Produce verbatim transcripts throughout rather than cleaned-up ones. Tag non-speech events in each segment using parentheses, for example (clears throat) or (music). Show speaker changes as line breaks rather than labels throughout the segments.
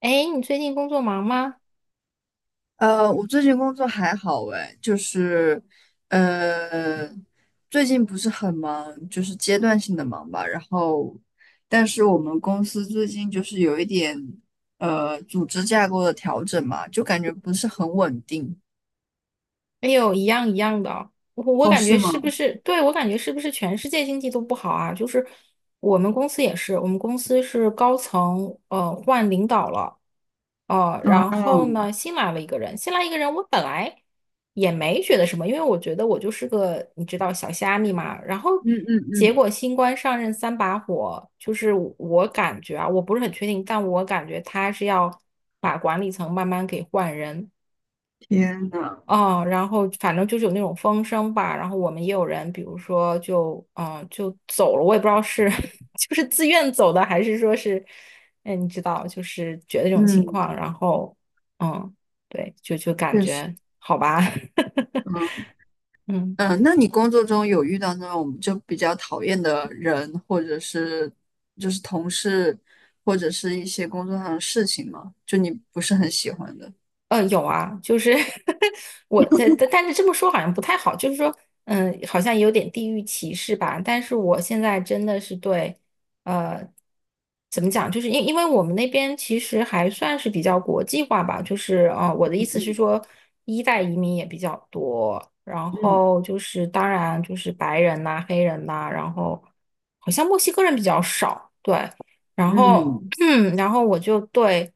哎，你最近工作忙吗？
呃，我最近工作还好诶，就是，呃，最近不是很忙，就是阶段性的忙吧。然后，但是我们公司最近就是有一点，呃，组织架构的调整嘛，就感觉不是很稳定。
哎呦，一样一样的哦，我我
哦，
感觉
是吗？
是不是，对，我感觉是不是全世界经济都不好啊？就是我们公司也是，我们公司是高层呃换领导了，呃，
嗯
然后
嗯
呢新来了一个人，新来一个人，我本来也没觉得什么，因为我觉得我就是个你知道小虾米嘛。然后
嗯嗯
结
嗯，
果新官上任三把火，就是我感觉啊，我不是很确定，但我感觉他是要把管理层慢慢给换人。
天呐，
哦，然后反正就是有那种风声吧，然后我们也有人，比如说就嗯呃就走了，我也不知道是 (laughs) 就是自愿走的，还是说是，哎，你知道，就是觉得这种情
嗯，
况，然后嗯，对，就就感
确实，
觉好吧。(laughs) 嗯。
嗯，呃那你工作中有遇到那种就比较讨厌的人，或者是就是同事，或者是一些工作上的事情吗？就你不是很喜欢的？
呃，有啊，就是 (laughs) 我的，但但是这么说好像不太好，就是说，嗯，好像有点地域歧视吧。但是我现在真的是对，呃，怎么讲，就是因因为我们那边其实还算是比较国际化吧，就是呃，我的意思是说，一代移民也比较多，然
嗯
后就是当然就是白人呐、黑人呐、然后好像墨西哥人比较少，对，然后
嗯，
(clears throat) 然后我就对。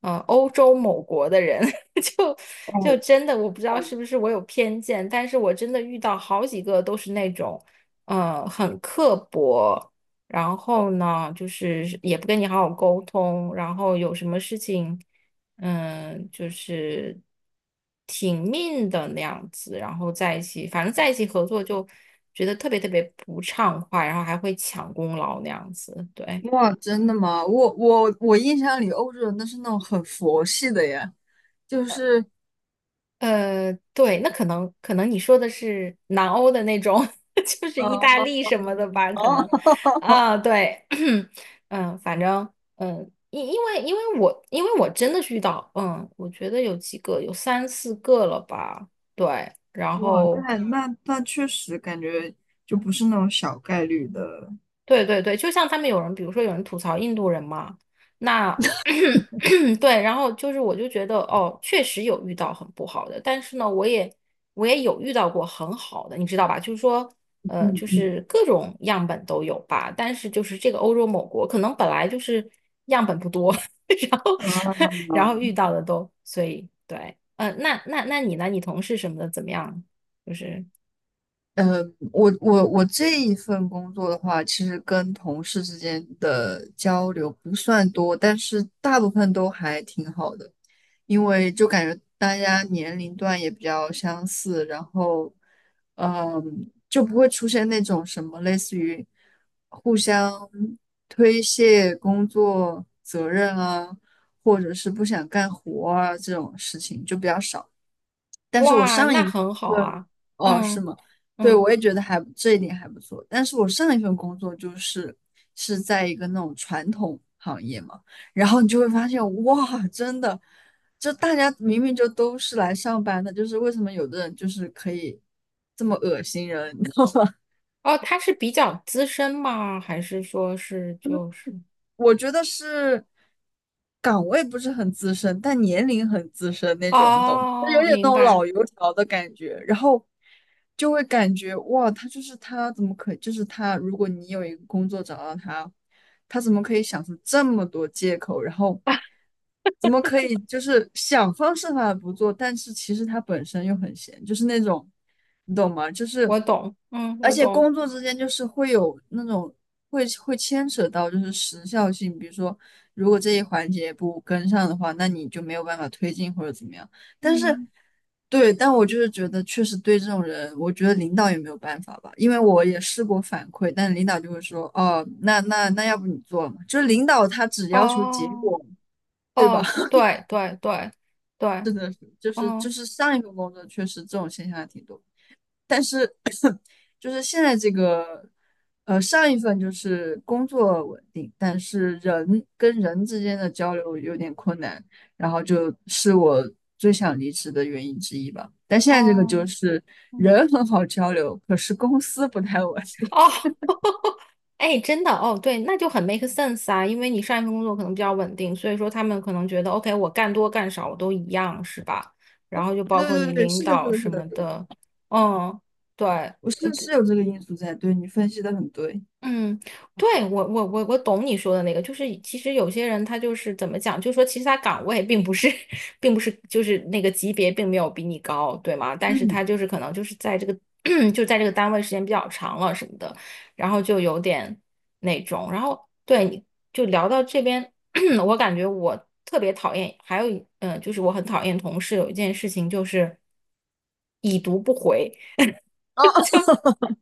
呃，欧洲某国的人 (laughs) (laughs) 就就
哦，
真的我不知道
嗯。
是不是我有偏见，但是我真的遇到好几个都是那种，嗯、很刻薄，然后呢，就是也不跟你好好沟通，然后有什么事情，嗯、就是挺命的那样子，然后在一起，反正在一起合作就觉得特别特别不畅快，然后还会抢功劳那样子，对。
哇，真的吗？我我我印象里欧洲人都是那种很佛系的呀，就是
呃，对，那可能可能你说的是南欧的那种，(laughs) 就是
嗯
意大利什么的吧？可
哦，
能啊，对，(clears throat) 嗯，反正嗯，因因为因为我因为我真的是遇到，嗯，我觉得有几个有三四个了吧，对，然
哇，
后
那那那确实感觉就不是那种小概率的。
对对对，就像他们有人，比如说有人吐槽印度人嘛，那 (clears throat) 对，然后就是我就觉得哦，确实有遇到很不好的，但是呢，我也我也有遇到过很好的，你知道吧？就是说，呃，
嗯
就
嗯，
是各种样本都有吧，但是就是这个欧洲某国可能本来就是样本不多。(laughs) 然后 (laughs) 然
啊。
后遇到的都，所以对，嗯、呃那那那你呢？你同事什么的怎么样？就是
呃，我我我这一份工作的话，其实跟同事之间的交流不算多，但是大部分都还挺好的，因为就感觉大家年龄段也比较相似，然后，嗯，就不会出现那种什么类似于互相推卸工作责任啊，或者是不想干活啊这种事情就比较少。但是我
哇，
上一
那很好
份，
啊，
哦，是
嗯
吗？对，
嗯。
我也觉得还这一点还不错。但是我上一份工作就是是在一个那种传统行业嘛，然后你就会发现，哇，真的，就大家明明就都是来上班的，就是为什么有的人就是可以这么恶心人？(laughs)
哦，他是比较资深吗？还是说是就是？
我觉得是岗位不是很资深，但年龄很资深那种，你懂吗？他有
哦，
点那
明
种
白，
老油条的感觉，然后就会感觉哇，他就是他怎么可以就是他，如果你有一个工作找到他，他怎么可以想出这么多借口？然后怎么可以就是想方设法不做，但是其实他本身又很闲，就是那种，你懂吗？就是，
我懂，嗯，
而
我
且
懂，
工作之间就是会有那种会会牵扯到就是时效性，比如说如果这一环节不跟上的话，那你就没有办法推进或者怎么样。但是
嗯，
对，但我就是觉得确实对这种人，我觉得领导也没有办法吧，因为我也试过反馈，但领导就会说，哦，那那那要不你做嘛，就是领导他只要求结
哦，
果，对吧？
哦，对对对对，
就是就
哦
是上一份工作确实这种现象还挺多，但是就是现在这个，呃，上一份就是工作稳定，但是人跟人之间的交流有点困难，然后就是我最想离职的原因之一吧。但现在这个就
哦，
是
嗯，
人很好交流，可是公司不太稳定。
哦，哎，真的，哦，对，那就很 make sense 啊，因为你上一份工作可能比较稳定，所以说他们可能觉得，OK，我干多干少我都一样，是吧？然后就
(laughs)
包
对
括你
对对，
领
是的，是
导
的，
什
是
么
的，
的，嗯，对。
我
呃
是是有这个因素在，对你分析的很对。
嗯，对，我我我我懂你说的那个，就是其实有些人他就是怎么讲，就是说其实他岗位并不是，(laughs) 并不是就是那个级别并没有比你高，对吗？但是他就是可能就是在这个 (clears throat) 就在这个单位时间比较长了什么的，然后就有点那种，然后对你就聊到这边，(clears throat) 我感觉我特别讨厌，还有一嗯、呃就是我很讨厌同事有一件事情就是已读不回。
啊哈哈，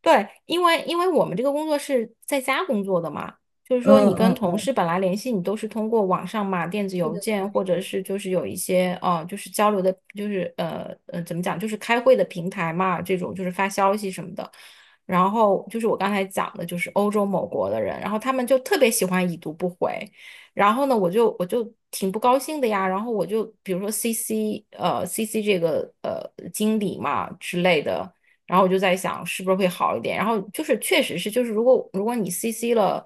对，因为因为我们这个工作是在家工作的嘛，就是
(laughs)
说
嗯
你跟
嗯
同
嗯，
事本来联系，你都是通过网上嘛，电子邮件或者是就是有一些呃，就是交流的，就是呃呃怎么讲，就是开会的平台嘛，这种就是发消息什么的。然后就是我刚才讲的，就是欧洲某国的人，然后他们就特别喜欢已读不回，然后呢，我就我就挺不高兴的呀，然后我就比如说 C C 呃 C C 这个呃经理嘛之类的。然后我就在想是不是会好一点。然后就是确实是，就是如果如果你 C C 了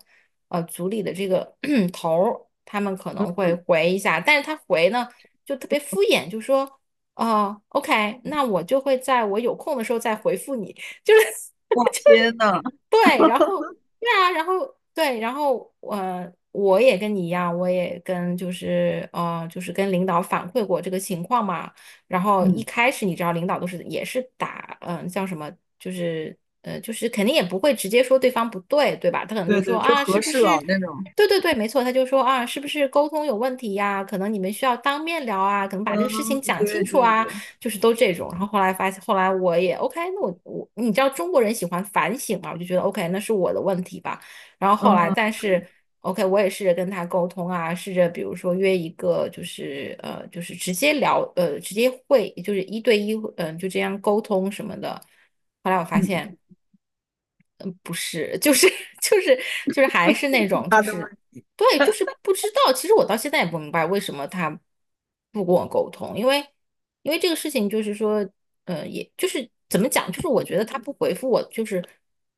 呃组里的这个 (clears throat) 头儿，他们可能会回一下，但是他回呢就特别敷衍，就说哦呃 OK，那我就会在我有空的时候再回复你，(laughs) 就是
哇，天呐，
对，然后对啊，然后对，然后呃，我也跟你一样，我也跟就是呃，就是跟领导反馈过这个情况嘛。然后一
嗯，
开始你知道，领导都是也是打嗯、呃叫什么，就是呃，就是肯定也不会直接说对方不对，对吧？他可能就
对
说
对，就
啊，是
合
不
适
是？
了那种。
对对对，没错，他就说啊，是不是沟通有问题呀？可能你们需要当面聊啊，可能把这个事
嗯，
情讲
对
清楚
对
啊。
对，
就是都这种。然后后来发现，后来我也 OK，那我我你知道中国人喜欢反省嘛，我就觉得 OK，那是我的问题吧。然后后来，
嗯，
但
对，
是 OK，我也试着跟他沟通啊，试着比如说约一个，就是呃，就是直接聊，呃，直接会，就是一对一，嗯、呃就这样沟通什么的。后来我发
嗯，
现。不是，就是就是就是还是那种就
好的吗？
是对，就是不知道。其实我到现在也不明白为什么他不跟我沟通，因为因为这个事情就是说，呃，也就是怎么讲，就是我觉得他不回复我就是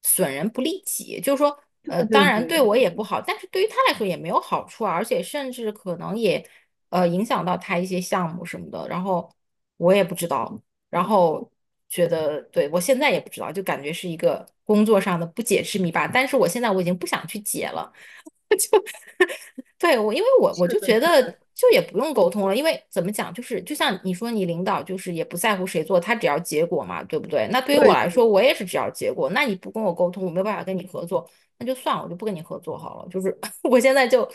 损人不利己，就是说，
对
呃，当
对
然
对
对
对
我也不
对，
好，但是对于他来说也没有好处啊，而且甚至可能也呃影响到他一些项目什么的，然后我也不知道，然后觉得对我现在也不知道，就感觉是一个工作上的不解之谜吧。但是我现在我已经不想去解了，对我，因为我我
是
就
的，
觉
是
得
的，
就也不用沟通了，因为怎么讲，就是就像你说，你领导就是也不在乎谁做，他只要结果嘛，对不对？那对于我
对
来
对的，
说，我也是只要结果。那你不跟我沟通，我没有办法跟你合作，那就算了，我就不跟你合作好了。就是 (laughs) 我现在就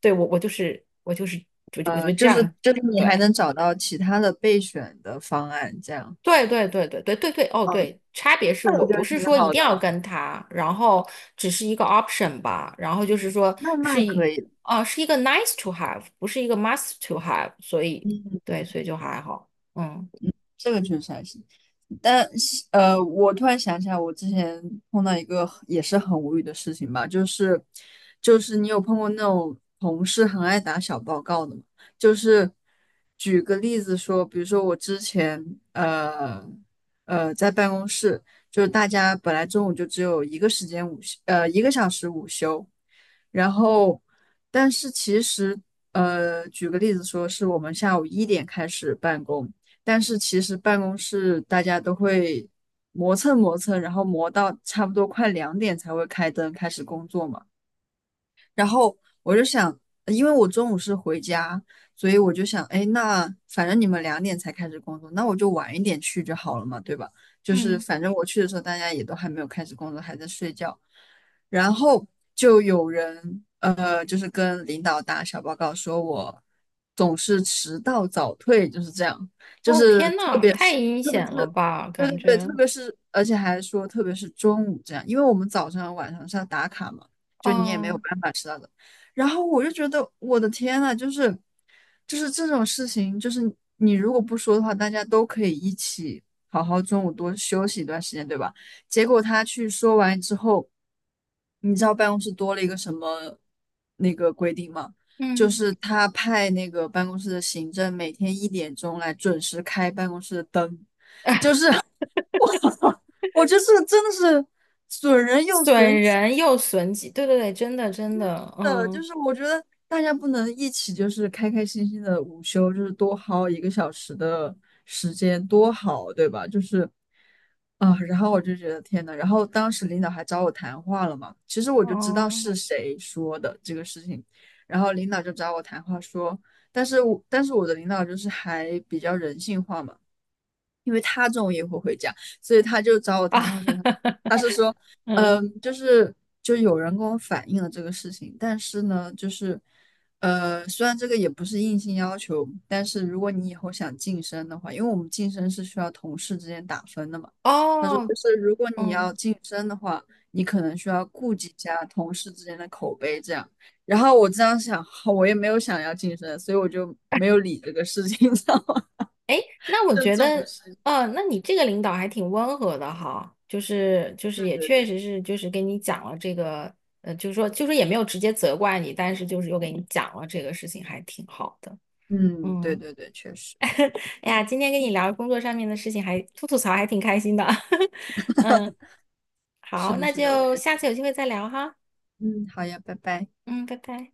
对我我就是我就是我就我就这
就是
样
就是你还
对。
能找到其他的备选的方案，这样，
对对对对对对对，哦
哦，
对，差别是
那我
我
觉
不
得
是
挺
说一
好
定
的
要
了，
跟他，然后只是一个 option 吧，然后就是说
那
是
那
一，
可以，
哦，是一个 nice to have，不是一个 must to have，所以
嗯。
对，所以就还好，嗯
这个确实还行。但呃，我突然想起来，我之前碰到一个也是很无语的事情吧，就是就是你有碰过那种同事很爱打小报告的吗？就是举个例子说，比如说我之前呃呃在办公室，就是大家本来中午就只有一个时间午休，呃一个小时午休，然后但是其实呃举个例子说，是我们下午一点开始办公。但是其实办公室大家都会磨蹭磨蹭，然后磨到差不多快两点才会开灯开始工作嘛。然后我就想，呃因为我中午是回家，所以我就想，哎，那反正你们两点才开始工作，那我就晚一点去就好了嘛，对吧？就是
嗯，
反正我去的时候，大家也都还没有开始工作，还在睡觉。然后就有人，呃，就是跟领导打小报告，说我总是迟到早退，就是这样，就
哦
是
天
特
呐，
别
太
是
阴
特别
险了
是
吧，
对
感
对对，
觉，
特别是而且还说特别是中午这样，因为我们早上晚上是要打卡嘛。就你也没有
嗯
办法知道的。然后我就觉得我的天呐，就是就是这种事情，就是你如果不说的话，大家都可以一起好好中午多休息一段时间，对吧？结果他去说完之后，你知道办公室多了一个什么那个规定吗？就
嗯，
是他派那个办公室的行政每天一点钟来准时开办公室的灯。我觉得这个真的是损人又
损
损己。
人又损己，对对对，真的真的，
的，就
嗯
是我觉得大家不能一起就是开开心心的午休，就是多薅一个小时的时间，多好，对吧？就是啊，然后我就觉得天呐，然后当时领导还找我谈话了嘛，其实我就知道
嗯
是谁说的这个事情，然后领导就找我谈话说，但是我但是我的领导就是还比较人性化嘛。因为他中午也会回家，所以他就找我
啊，
谈话说他，
(laughs)
他是说，
嗯
嗯，就是就有人跟我反映了这个事情，但是呢，就是呃，虽然这个也不是硬性要求，但是如果你以后想晋升的话，因为我们晋升是需要同事之间打分的嘛，他说
哦
就是如果你要
嗯。
晋升的话，你可能需要顾及一下同事之间的口碑这样。然后我这样想，好我也没有想要晋升，所以我就没有理这个事情，你知道吗？
哎，那
(laughs)
我
就
觉
这种
得，
事情，
呃，那你这个领导还挺温和的哈，就是就是
对
也
对
确
对。
实是就是跟你讲了这个，呃，就是说就是也没有直接责怪你，但是就是又给你讲了这个事情，还挺好的。
嗯，对
嗯，
对对，确实
哎呀，今天跟你聊工作上面的事情还，吐吐槽还挺开心的。(laughs) 嗯，
是
好，
的，
那
是的，我也
就下
是。
次有机会再聊哈。
嗯，好呀，拜拜。
嗯，拜拜。